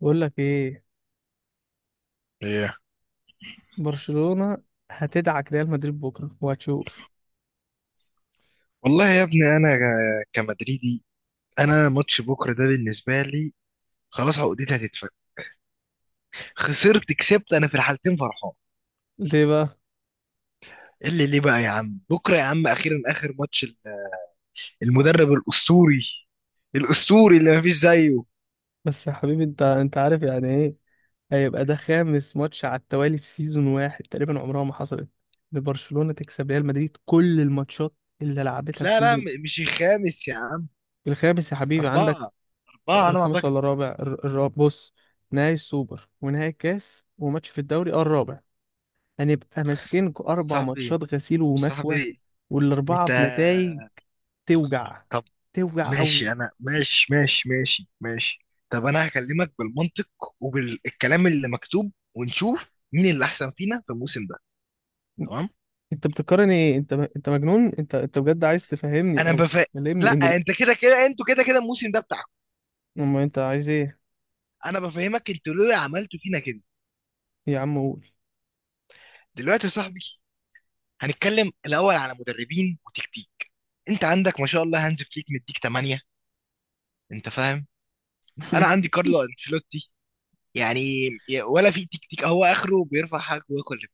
بقول لك ايه. ايه. برشلونة هتدعك ريال مدريد بكره وهتشوف. والله يا ابني انا كمدريدي. انا ماتش بكره ده بالنسبه لي خلاص عقدتي هتتفك. خسرت كسبت انا في الحالتين فرحان. ليه بقى؟ إيه اللي ليه بقى يا عم؟ بكره يا عم اخيرا اخر ماتش المدرب الاسطوري، الاسطوري اللي مفيش زيه. بس يا حبيبي انت عارف يعني ايه. هيبقى ده خامس ماتش على التوالي في سيزون واحد، تقريبا عمرها ما حصلت لبرشلونة تكسب ريال مدريد كل الماتشات اللي لعبتها في لا لا، سيزون. مش الخامس يا عم، الخامس يا حبيبي عندك. اربعه. اربعه انا ما الخامس اعتقد. ولا الرابع؟ الرابع، بص: نهائي السوبر ونهائي الكاس وماتش في الدوري، اه الرابع. هنبقى ماسكين اربع صاحبي، ماتشات غسيل ومكوى. صاحبي، والاربعه انت بنتائج توجع، توجع قوي. ماشي، انا ماشي ماشي ماشي ماشي. طب انا هكلمك بالمنطق وبالكلام اللي مكتوب ونشوف مين اللي احسن فينا في الموسم ده، تمام؟ انت بتقارن ايه؟ انت مجنون؟ انت بجد عايز تفهمني انا او بف... لا تكلمني ان، انت كده كده، انتوا كده كده الموسم ده بتاعكم. اما انت عايز ايه؟ انا بفهمك، انتوا ليه عملتوا فينا كده؟ يا عم قول. دلوقتي يا صاحبي هنتكلم الاول على مدربين وتكتيك. انت عندك ما شاء الله هانز فليك مديك 8، انت فاهم؟ انا عندي كارلو انشيلوتي، يعني ولا في تكتيك، هو اخره بيرفع حاجه وياكل رجل،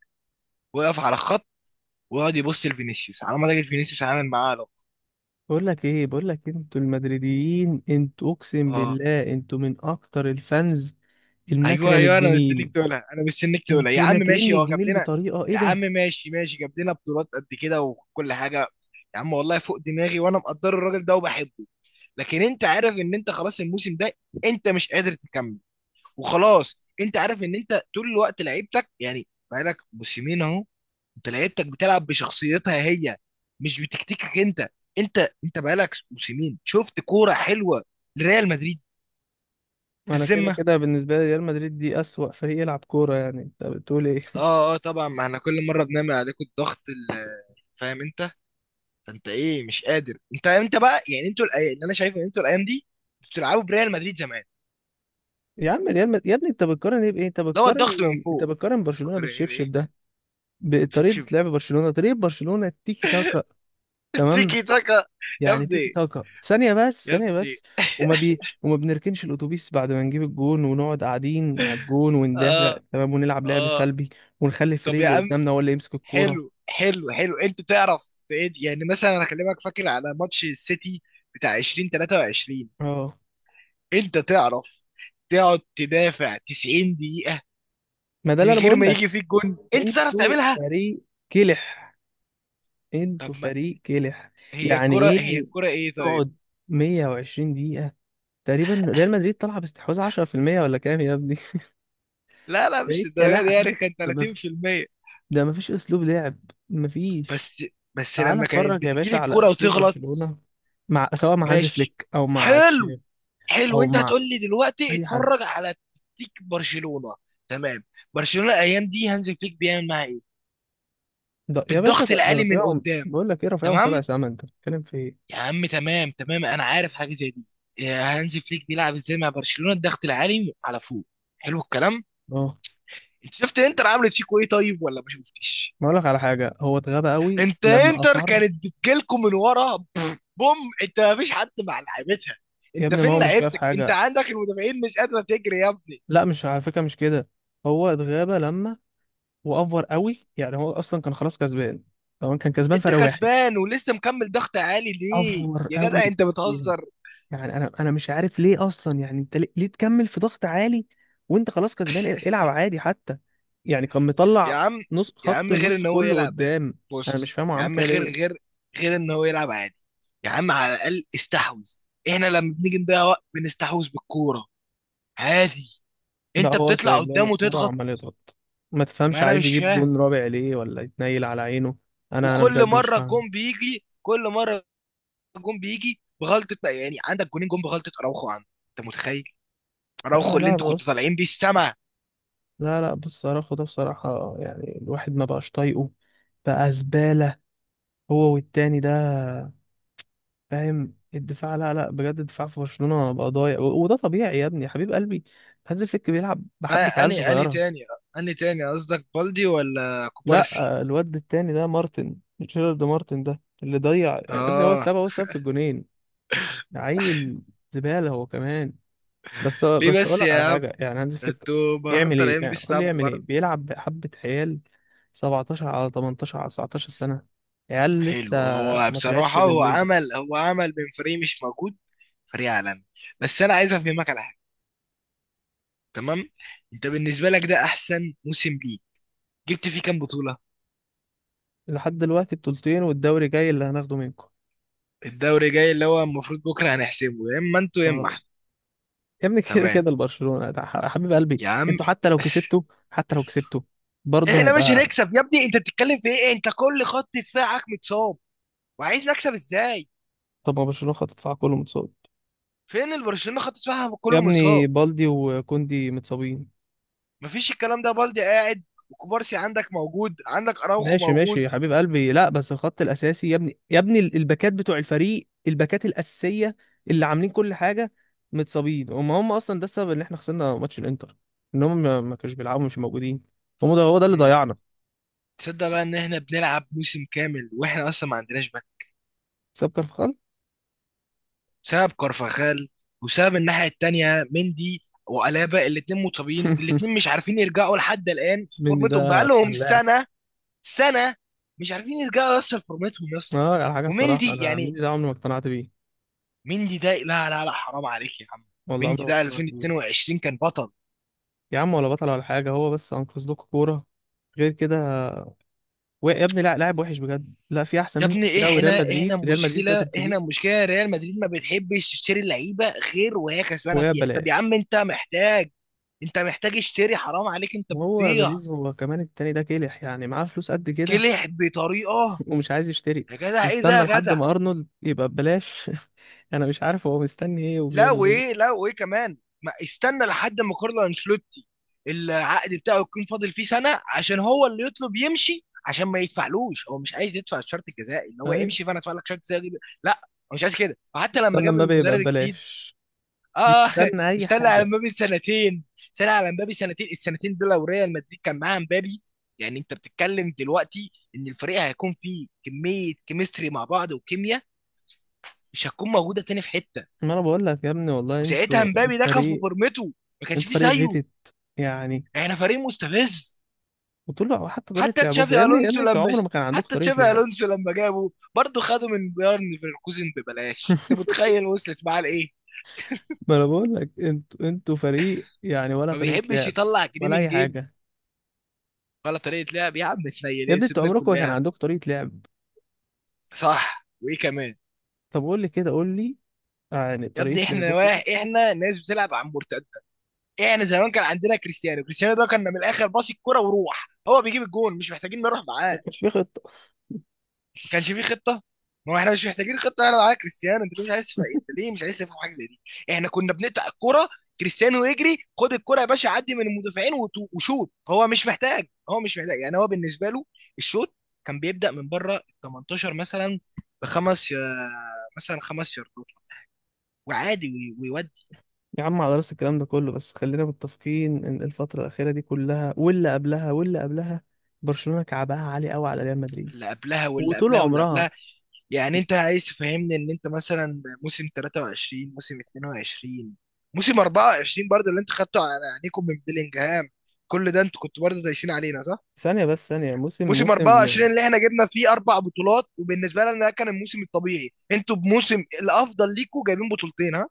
ويقف على الخط ويقعد يبص لفينيسيوس على ما تجد فينيسيوس عامل معاه علاقه. بقول لك ايه، انتوا المدريديين، انتوا اقسم اه. بالله انتوا من اكتر الفانز النكره ايوه ايوه، انا مستنيك للجميل. تقولها، انا مستنيك تقولها يا انتوا عم. ماشي، ناكرين هو جاب الجميل لنا، بطريقه ايه يا عم ده! ماشي ماشي، جاب لنا بطولات قد كده وكل حاجه، يا عم والله فوق دماغي وانا مقدر الراجل ده وبحبه، لكن انت عارف ان انت خلاص الموسم ده انت مش قادر تكمل. وخلاص انت عارف ان انت طول الوقت لعيبتك، يعني بقالك موسمين اهو، انت لعيبتك بتلعب بشخصيتها هي، مش بتكتيكك انت. انت انت بقالك موسمين شفت كوره حلوه لريال مدريد، انا كده بالذمه؟ كده بالنسبه لي ريال مدريد دي اسوأ فريق يلعب كوره، يعني انت بتقول ايه؟ اه اه طبعا، ما احنا كل مره بنعمل عليكم الضغط فاهم انت؟ فانت ايه؟ مش قادر. انت بقى يعني، انتوا اللي انا شايفه ان انتوا الايام دي انتوا بتلعبوا بريال مدريد زمان يا عم ريال مد... يا ابني انت بتقارن ايه بايه؟ انت لو الضغط من بتقارن، فوق، برشلونه فاكرين ايه بايه؟ بالشبشب ده؟ شب بطريقه شب. لعب برشلونه، طريقه برشلونه التيكي تاكا، تمام؟ تيكي تاكا. يا يعني تيكي ابني، تاكا. ثانية بس، يا ثانية ابني، بس. وما بنركنش الأتوبيس بعد ما نجيب الجون ونقعد قاعدين على الجون وندافع، اه تمام، ونلعب لعب اه. سلبي ونخلي طب الفريق يا اللي عم، قدامنا هو اللي يمسك الكورة. حلو حلو حلو، انت تعرف يعني مثلا انا هكلمك فاكر على ماتش السيتي بتاع 2023، اه انت تعرف تقعد تدافع 90 دقيقة ما ده من اللي أنا غير بقول ما لك. يجي فيك جون، انت تعرف أنتوا تعملها، فريق كلح، طب أنتوا ما فريق كلح. هي يعني الكرة، هي إيه الكرة ايه طيب؟ تقعد 120 دقيقة تقريبا ريال مدريد طالعة باستحواذ 10% ولا كام يا ابني؟ لا لا، ده إيه مش الدرجة دي، الكلاحة يعني دي؟ كان ده ما 30%. ده ما فيش أسلوب لعب، ما فيش. بس بس تعال لما كانت اتفرج يا باشا بتجيلي على الكرة اسلوب وتغلط. برشلونة، مع سواء مع هانز ماشي، فليك او مع حلو تشيف حلو، او انت مع هتقول لي دلوقتي اي حد. اتفرج على تكتيك برشلونة، تمام. برشلونة الايام دي هانزي فليك بيعمل معاها ايه؟ ده يا باشا الضغط ده، ده العالي من رفيعهم، قدام، بقول لك ايه، رفيعهم سبع تمام. سما، انت بتتكلم في ايه؟ يا عم تمام تمام، انا عارف حاجة زي دي، يا هانزي فليك بيلعب ازاي مع برشلونة، الضغط العالي على فوق، حلو الكلام. اه، شفت انتر عملت فيكوا ايه طيب، ولا ما شفتش؟ ما اقول لك على حاجه، هو اتغاب قوي انت لما انتر اصر. كانت بتجيلكوا من ورا، بوم، انت ما فيش حد مع لعيبتها، يا انت ابني ما هو فين مش كده في لعيبتك؟ انت حاجه. عندك المدافعين مش قادره تجري يا ابني. لا مش على فكره مش كده. هو اتغاب لما وافور قوي، يعني هو اصلا كان خلاص كسبان. طبعا كان كسبان انت فرق واحد، كسبان ولسه مكمل ضغط عالي ليه افور يا جدع؟ قوي. انت يعني بتهزر؟ انا مش عارف ليه اصلا، يعني انت ليه، ليه تكمل في ضغط عالي وانت خلاص كسبان؟ العب عادي حتى. يعني كان يا مطلع عم، نص، يا خط عم، غير النص ان هو كله يلعب، قدام. انا مش بص فاهم هو يا عمل عم، كده غير ليه. غير، غير ان هو يلعب عادي، يا عم على الاقل استحوذ. احنا لما بنيجي نضيع وقت بنستحوذ بالكوره عادي، ده انت هو بتطلع سايب لهم قدام الكوره وتضغط. وعمال يضغط. ما تفهمش ما انا عايز مش يجيب فاهم. جون رابع ليه ولا يتنيل على عينه. انا وكل بجد مش مره فاهم. الجون بيجي، كل مره الجون بيجي بغلطه، بقى يعني عندك جونين، جون بغلطه، اراوخو عندك، انت متخيل؟ آه اراوخو اللي لا انتوا كنتوا بص، طالعين بيه السما. لا لا بص صراحه، ده بصراحه يعني الواحد ما بقاش طايقه، بقى زباله هو والتاني ده، فاهم؟ الدفاع لا لا بجد الدفاع في برشلونة بقى ضايع وده طبيعي يا ابني يا حبيب قلبي، هانز فليك بيلعب آه، بحبة عيال اني صغيرة. تاني، اني تاني قصدك، بالدي ولا لا كوبارسي؟ آه، الواد التاني ده مارتن، جيرارد مارتن ده اللي ضيع يا ابني، هو اه، السبب، هو السبب في الجونين. ده عيل، زبالة هو كمان. بس ليه بس اقول بس لك يا على عم؟ حاجة، يعني هانز ده فليك انتوا المفروض يعمل ايه؟ طالعين بيه يعني قول لي السما يعمل ايه، برضه. بيلعب بحبة عيال 17 على 18 على 19 سنة، عيال لسه حلو، هو ما طلعتش بصراحه، من هو البيضة. عمل هو عمل من فريق مش موجود فريق عالمي. بس انا عايز افهمك على حاجه، تمام؟ انت بالنسبه لك ده احسن موسم ليك، جبت فيه كام بطوله؟ لحد دلوقتي بطولتين، والدوري جاي اللي هناخده منكم. الدوري جاي اللي هو المفروض بكره هنحسمه، يا اما انتوا يا اما اه. احنا. يا ابني كده تمام كده البرشلونة يا حبيب قلبي، يا عم، انتوا حتى لو كسبتوا، حتى لو كسبتوا، برضه احنا مش هيبقى. هنكسب يا ابني، انت بتتكلم في ايه؟ انت كل خط دفاعك متصاب وعايز نكسب ازاي؟ طب ما برشلونة خط دفاع كله متصاب. فين البرشلونه خط دفاعها يا كله ابني متصاب؟ بالدي وكوندي متصابين. مفيش الكلام ده، بالدي قاعد، وكوبارسي عندك موجود، عندك اراوخو ماشي ماشي موجود. يا حبيب قلبي، لا بس الخط الاساسي يا ابني، يا ابني الباكات بتوع الفريق، الباكات الاساسيه اللي عاملين كل حاجه متصابين، وما هم اصلا ده السبب ان احنا خسرنا ماتش الانتر، ان هم ما كانوش بيلعبوا، مش موجودين، هم ده، هو ده اللي مم. ضيعنا. تصدق س- بقى ان احنا بنلعب موسم كامل واحنا اصلا ما عندناش باك ساب كارفخال. بسبب كارفاخال، وسبب الناحيه التانيه مندي وألابا، الاتنين مصابين، الاتنين مش عارفين يرجعوا لحد الآن في مندي ده فورمتهم بقالهم فلاح. سنة. سنه مش عارفين يرجعوا يوصل فورمتهم يا اسطى. اه على حاجه بصراحه ومندي انا يعني، ميدي ده عمري ما اقتنعت بيه، مندي ده لا لا لا، حرام عليك يا عم، والله عمري مندي ما ده اقتنعت بيه. 2022 كان بطل. يا عم ولا بطل ولا حاجه، هو بس انقذ لكم كوره، غير كده يا ابني لا، لاعب وحش بجد، لا في احسن يا منه كتير ابني قوي، ريال احنا مدريد، تقدر مشكله، احنا تجيب مشكله ريال مدريد ما بتحبش تشتري لعيبه غير وهي كسبانه وهي فيها. طب يا عم ببلاش. انت محتاج، انت محتاج اشتري، حرام عليك، انت وهو بتضيع. بيريز هو كمان التاني ده كلح، يعني معاه فلوس قد كده كلح بطريقه. ومش عايز يشتري، يا جدع ايه ده واستنى يا لحد جدع؟ ما ارنولد يبقى ببلاش. انا مش عارف هو مستني ايه لا وبيعمل وايه؟ ايه. لا وايه كمان؟ ما استنى لحد ما كارلو انشيلوتي العقد بتاعه يكون فاضل فيه سنه، عشان هو اللي يطلب يمشي، عشان ما يدفعلوش، هو مش عايز يدفع الشرط الجزائي ان هو ايوه، يمشي، فانا ادفع لك شرط جزائي. لا، هو مش عايز كده، وحتى لما استنى جاب مبابي يبقى المدرب الجديد. ببلاش، اه بيستنى اي استنى على حاجه. مبابي سنتين، استنى على مبابي سنتين، السنتين دول لو ريال مدريد كان معاه مبابي، يعني انت بتتكلم دلوقتي ان الفريق هيكون فيه كميه كيمستري مع بعض، وكيمياء مش هتكون موجوده تاني في حته. ما انا بقول لك يا ابني، والله وساعتها انتوا مبابي انتوا ده كان في فريق، فورمته، ما كانش انت فيه فريق زيه، غتت يعني. يعني احنا فريق مستفز. وطلع، وحتى طريقة حتى لعبكم يا تشافي ابني، الونسو انتوا لما، عمر ما كان عندكم حتى طريقة تشافي لعب. الونسو لما جابه، برضه خده من بايرن ليفركوزن ببلاش، انت متخيل وصلت معاه لايه؟ ما انا بقول لك، انتوا فريق يعني، ولا ما طريقة بيحبش لعب يطلع جنيه ولا من اي جيبه. حاجة. ولا طريقه لعب يا عم، اتنيل يا ايه، ابني انتوا سيبنا لكم عمركم ما كان لعب. عندكم طريقة لعب. صح وايه كمان؟ طب قول لي كده، قول لي يعني يا طريقة ابني احنا لعبكم. واحد، احنا ناس بتلعب على المرتده. احنا زمان كان عندنا كريستيانو، كريستيانو ده كان من الاخر باص الكرة وروح، هو بيجيب الجون، مش محتاجين نروح ما معاه. كانش في خطة. ما كانش فيه خطه، ما هو احنا مش محتاجين خطه، انا معاك كريستيانو، انت ليه مش عايز انت ليه مش عايز تفهم حاجه زي دي؟ احنا كنا بنقطع الكره، كريستيانو يجري خد الكره يا باشا، عدي من المدافعين وشوط. هو مش محتاج، هو مش محتاج، يعني هو بالنسبه له الشوط كان بيبدا من بره ال 18 مثلا، بخمس يا- مثلا خمس ياردات وعادي ويودي. يا عم على راس الكلام ده كله، بس خلينا متفقين ان الفترة الأخيرة دي كلها واللي قبلها برشلونة كعبها عالي قوي على ريال مدريد اللي قبلها واللي وطول قبلها واللي عمرها. قبلها، يعني انت عايز تفهمني ان انت مثلا موسم 23 موسم 22 موسم 24 برضه اللي انت خدته على عينيكم من بيلينجهام، كل ده انتوا كنتوا برضه دايسين علينا، صح؟ ثانية بس، ثانية، موسم موسم موسم 24 اللي احنا جبنا فيه اربع بطولات وبالنسبه لنا ده كان الموسم الطبيعي، انتوا بموسم الافضل ليكوا جايبين بطولتين، ها؟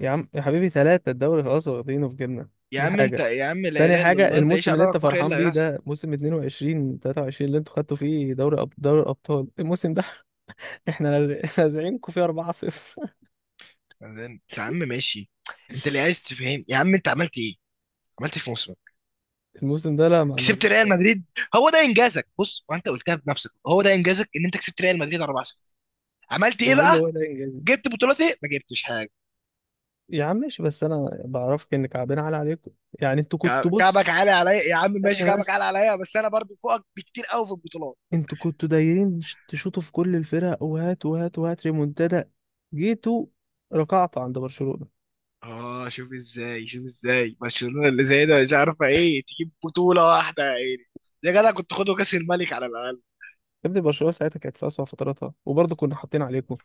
يا عم يا حبيبي ثلاثة الدوري خلاص واخدينه في جبنا. يا دي عم، انت حاجة. يا عم لا تاني اله الا حاجة، الله، انت ايش الموسم اللي انت عرفك بكره ايه اللي فرحان بيه هيحصل؟ ده موسم 22 23 اللي انتوا خدتوا فيه دوري أب... دوري الأبطال، الموسم ده احنا لاذعينكم فيه 4-0. يا عم ماشي، انت اللي عايز تفهم يا عم، انت عملت ايه؟ عملت ايه في موسمك؟ الموسم ده لا ما كسبت عملناش ريال حاجة. مدريد، هو ده انجازك. بص وانت قلتها بنفسك، هو ده انجازك ان انت كسبت ريال مدريد 4-0. عملت ايه هو ايه اللي بقى؟ هو ده انجاز؟ جبت بطولات ايه؟ ما جبتش حاجه. يا عم ماشي، بس انا بعرفك ان كعبنا على عليكم، يعني انتوا كنتوا، بص كعبك عالي عليا يا عم، ماشي ثانية كعبك عالي بس، عليا، بس انا برضو فوقك بكتير قوي في البطولات. انتوا كنتوا دايرين تشوطوا في كل الفرق وهات وهات وهات ريمونتادا، جيتوا ركعتوا عند برشلونة. اه، شوف ازاي، شوف ازاي برشلونه اللي زي ده مش عارفه ايه تجيب بطوله واحده، يا عيني يا جدع، كنت خدوا كاس الملك على الاقل. ابني برشلونه ساعتها كانت في اسوأ فتراتها وبرضه كنا حاطين عليكم.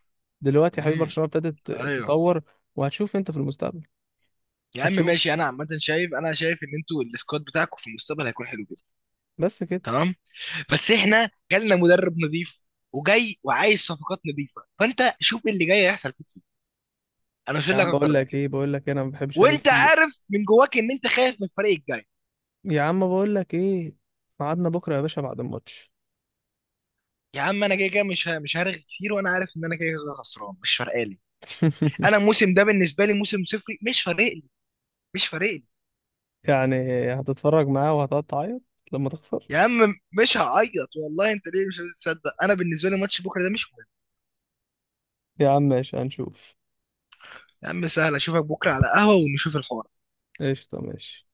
دلوقتي يا حبيبي امم. برشلونه ابتدت ايوه، تتطور وهتشوف انت في المستقبل. يا عم هتشوف ماشي، انا عامه شايف، انا شايف ان انتوا السكواد بتاعكم في المستقبل هيكون حلو جدا. بس كده. تمام، بس احنا جالنا مدرب نظيف وجاي وعايز صفقات نظيفه، فانت شوف إيه اللي جاي هيحصل فيك ايه، انا مش يا هقول لك عم بقول اكتر من لك كده. ايه، بقول لك إيه، انا ما بحبش عليك وانت كتير. عارف من جواك ان انت خايف من الفريق الجاي. يا عم بقول لك ايه، ميعادنا بكره يا باشا بعد الماتش. يا عم انا كده كده مش هرغي كتير، وانا عارف ان انا كده كده خسران مش فارقه لي. انا الموسم ده بالنسبه لي موسم صفري، مش فارق لي، مش فارق لي. يعني هتتفرج معاه وهتقعد تعيط لما تخسر. يا عم مش هعيط والله، انت ليه مش هتصدق؟ انا بالنسبه لي ماتش بكره ده مش مهم. يا عم ماشي هنشوف. يا عم سهل اشوفك بكره على قهوه ونشوف الحوار. قشطه ماشي.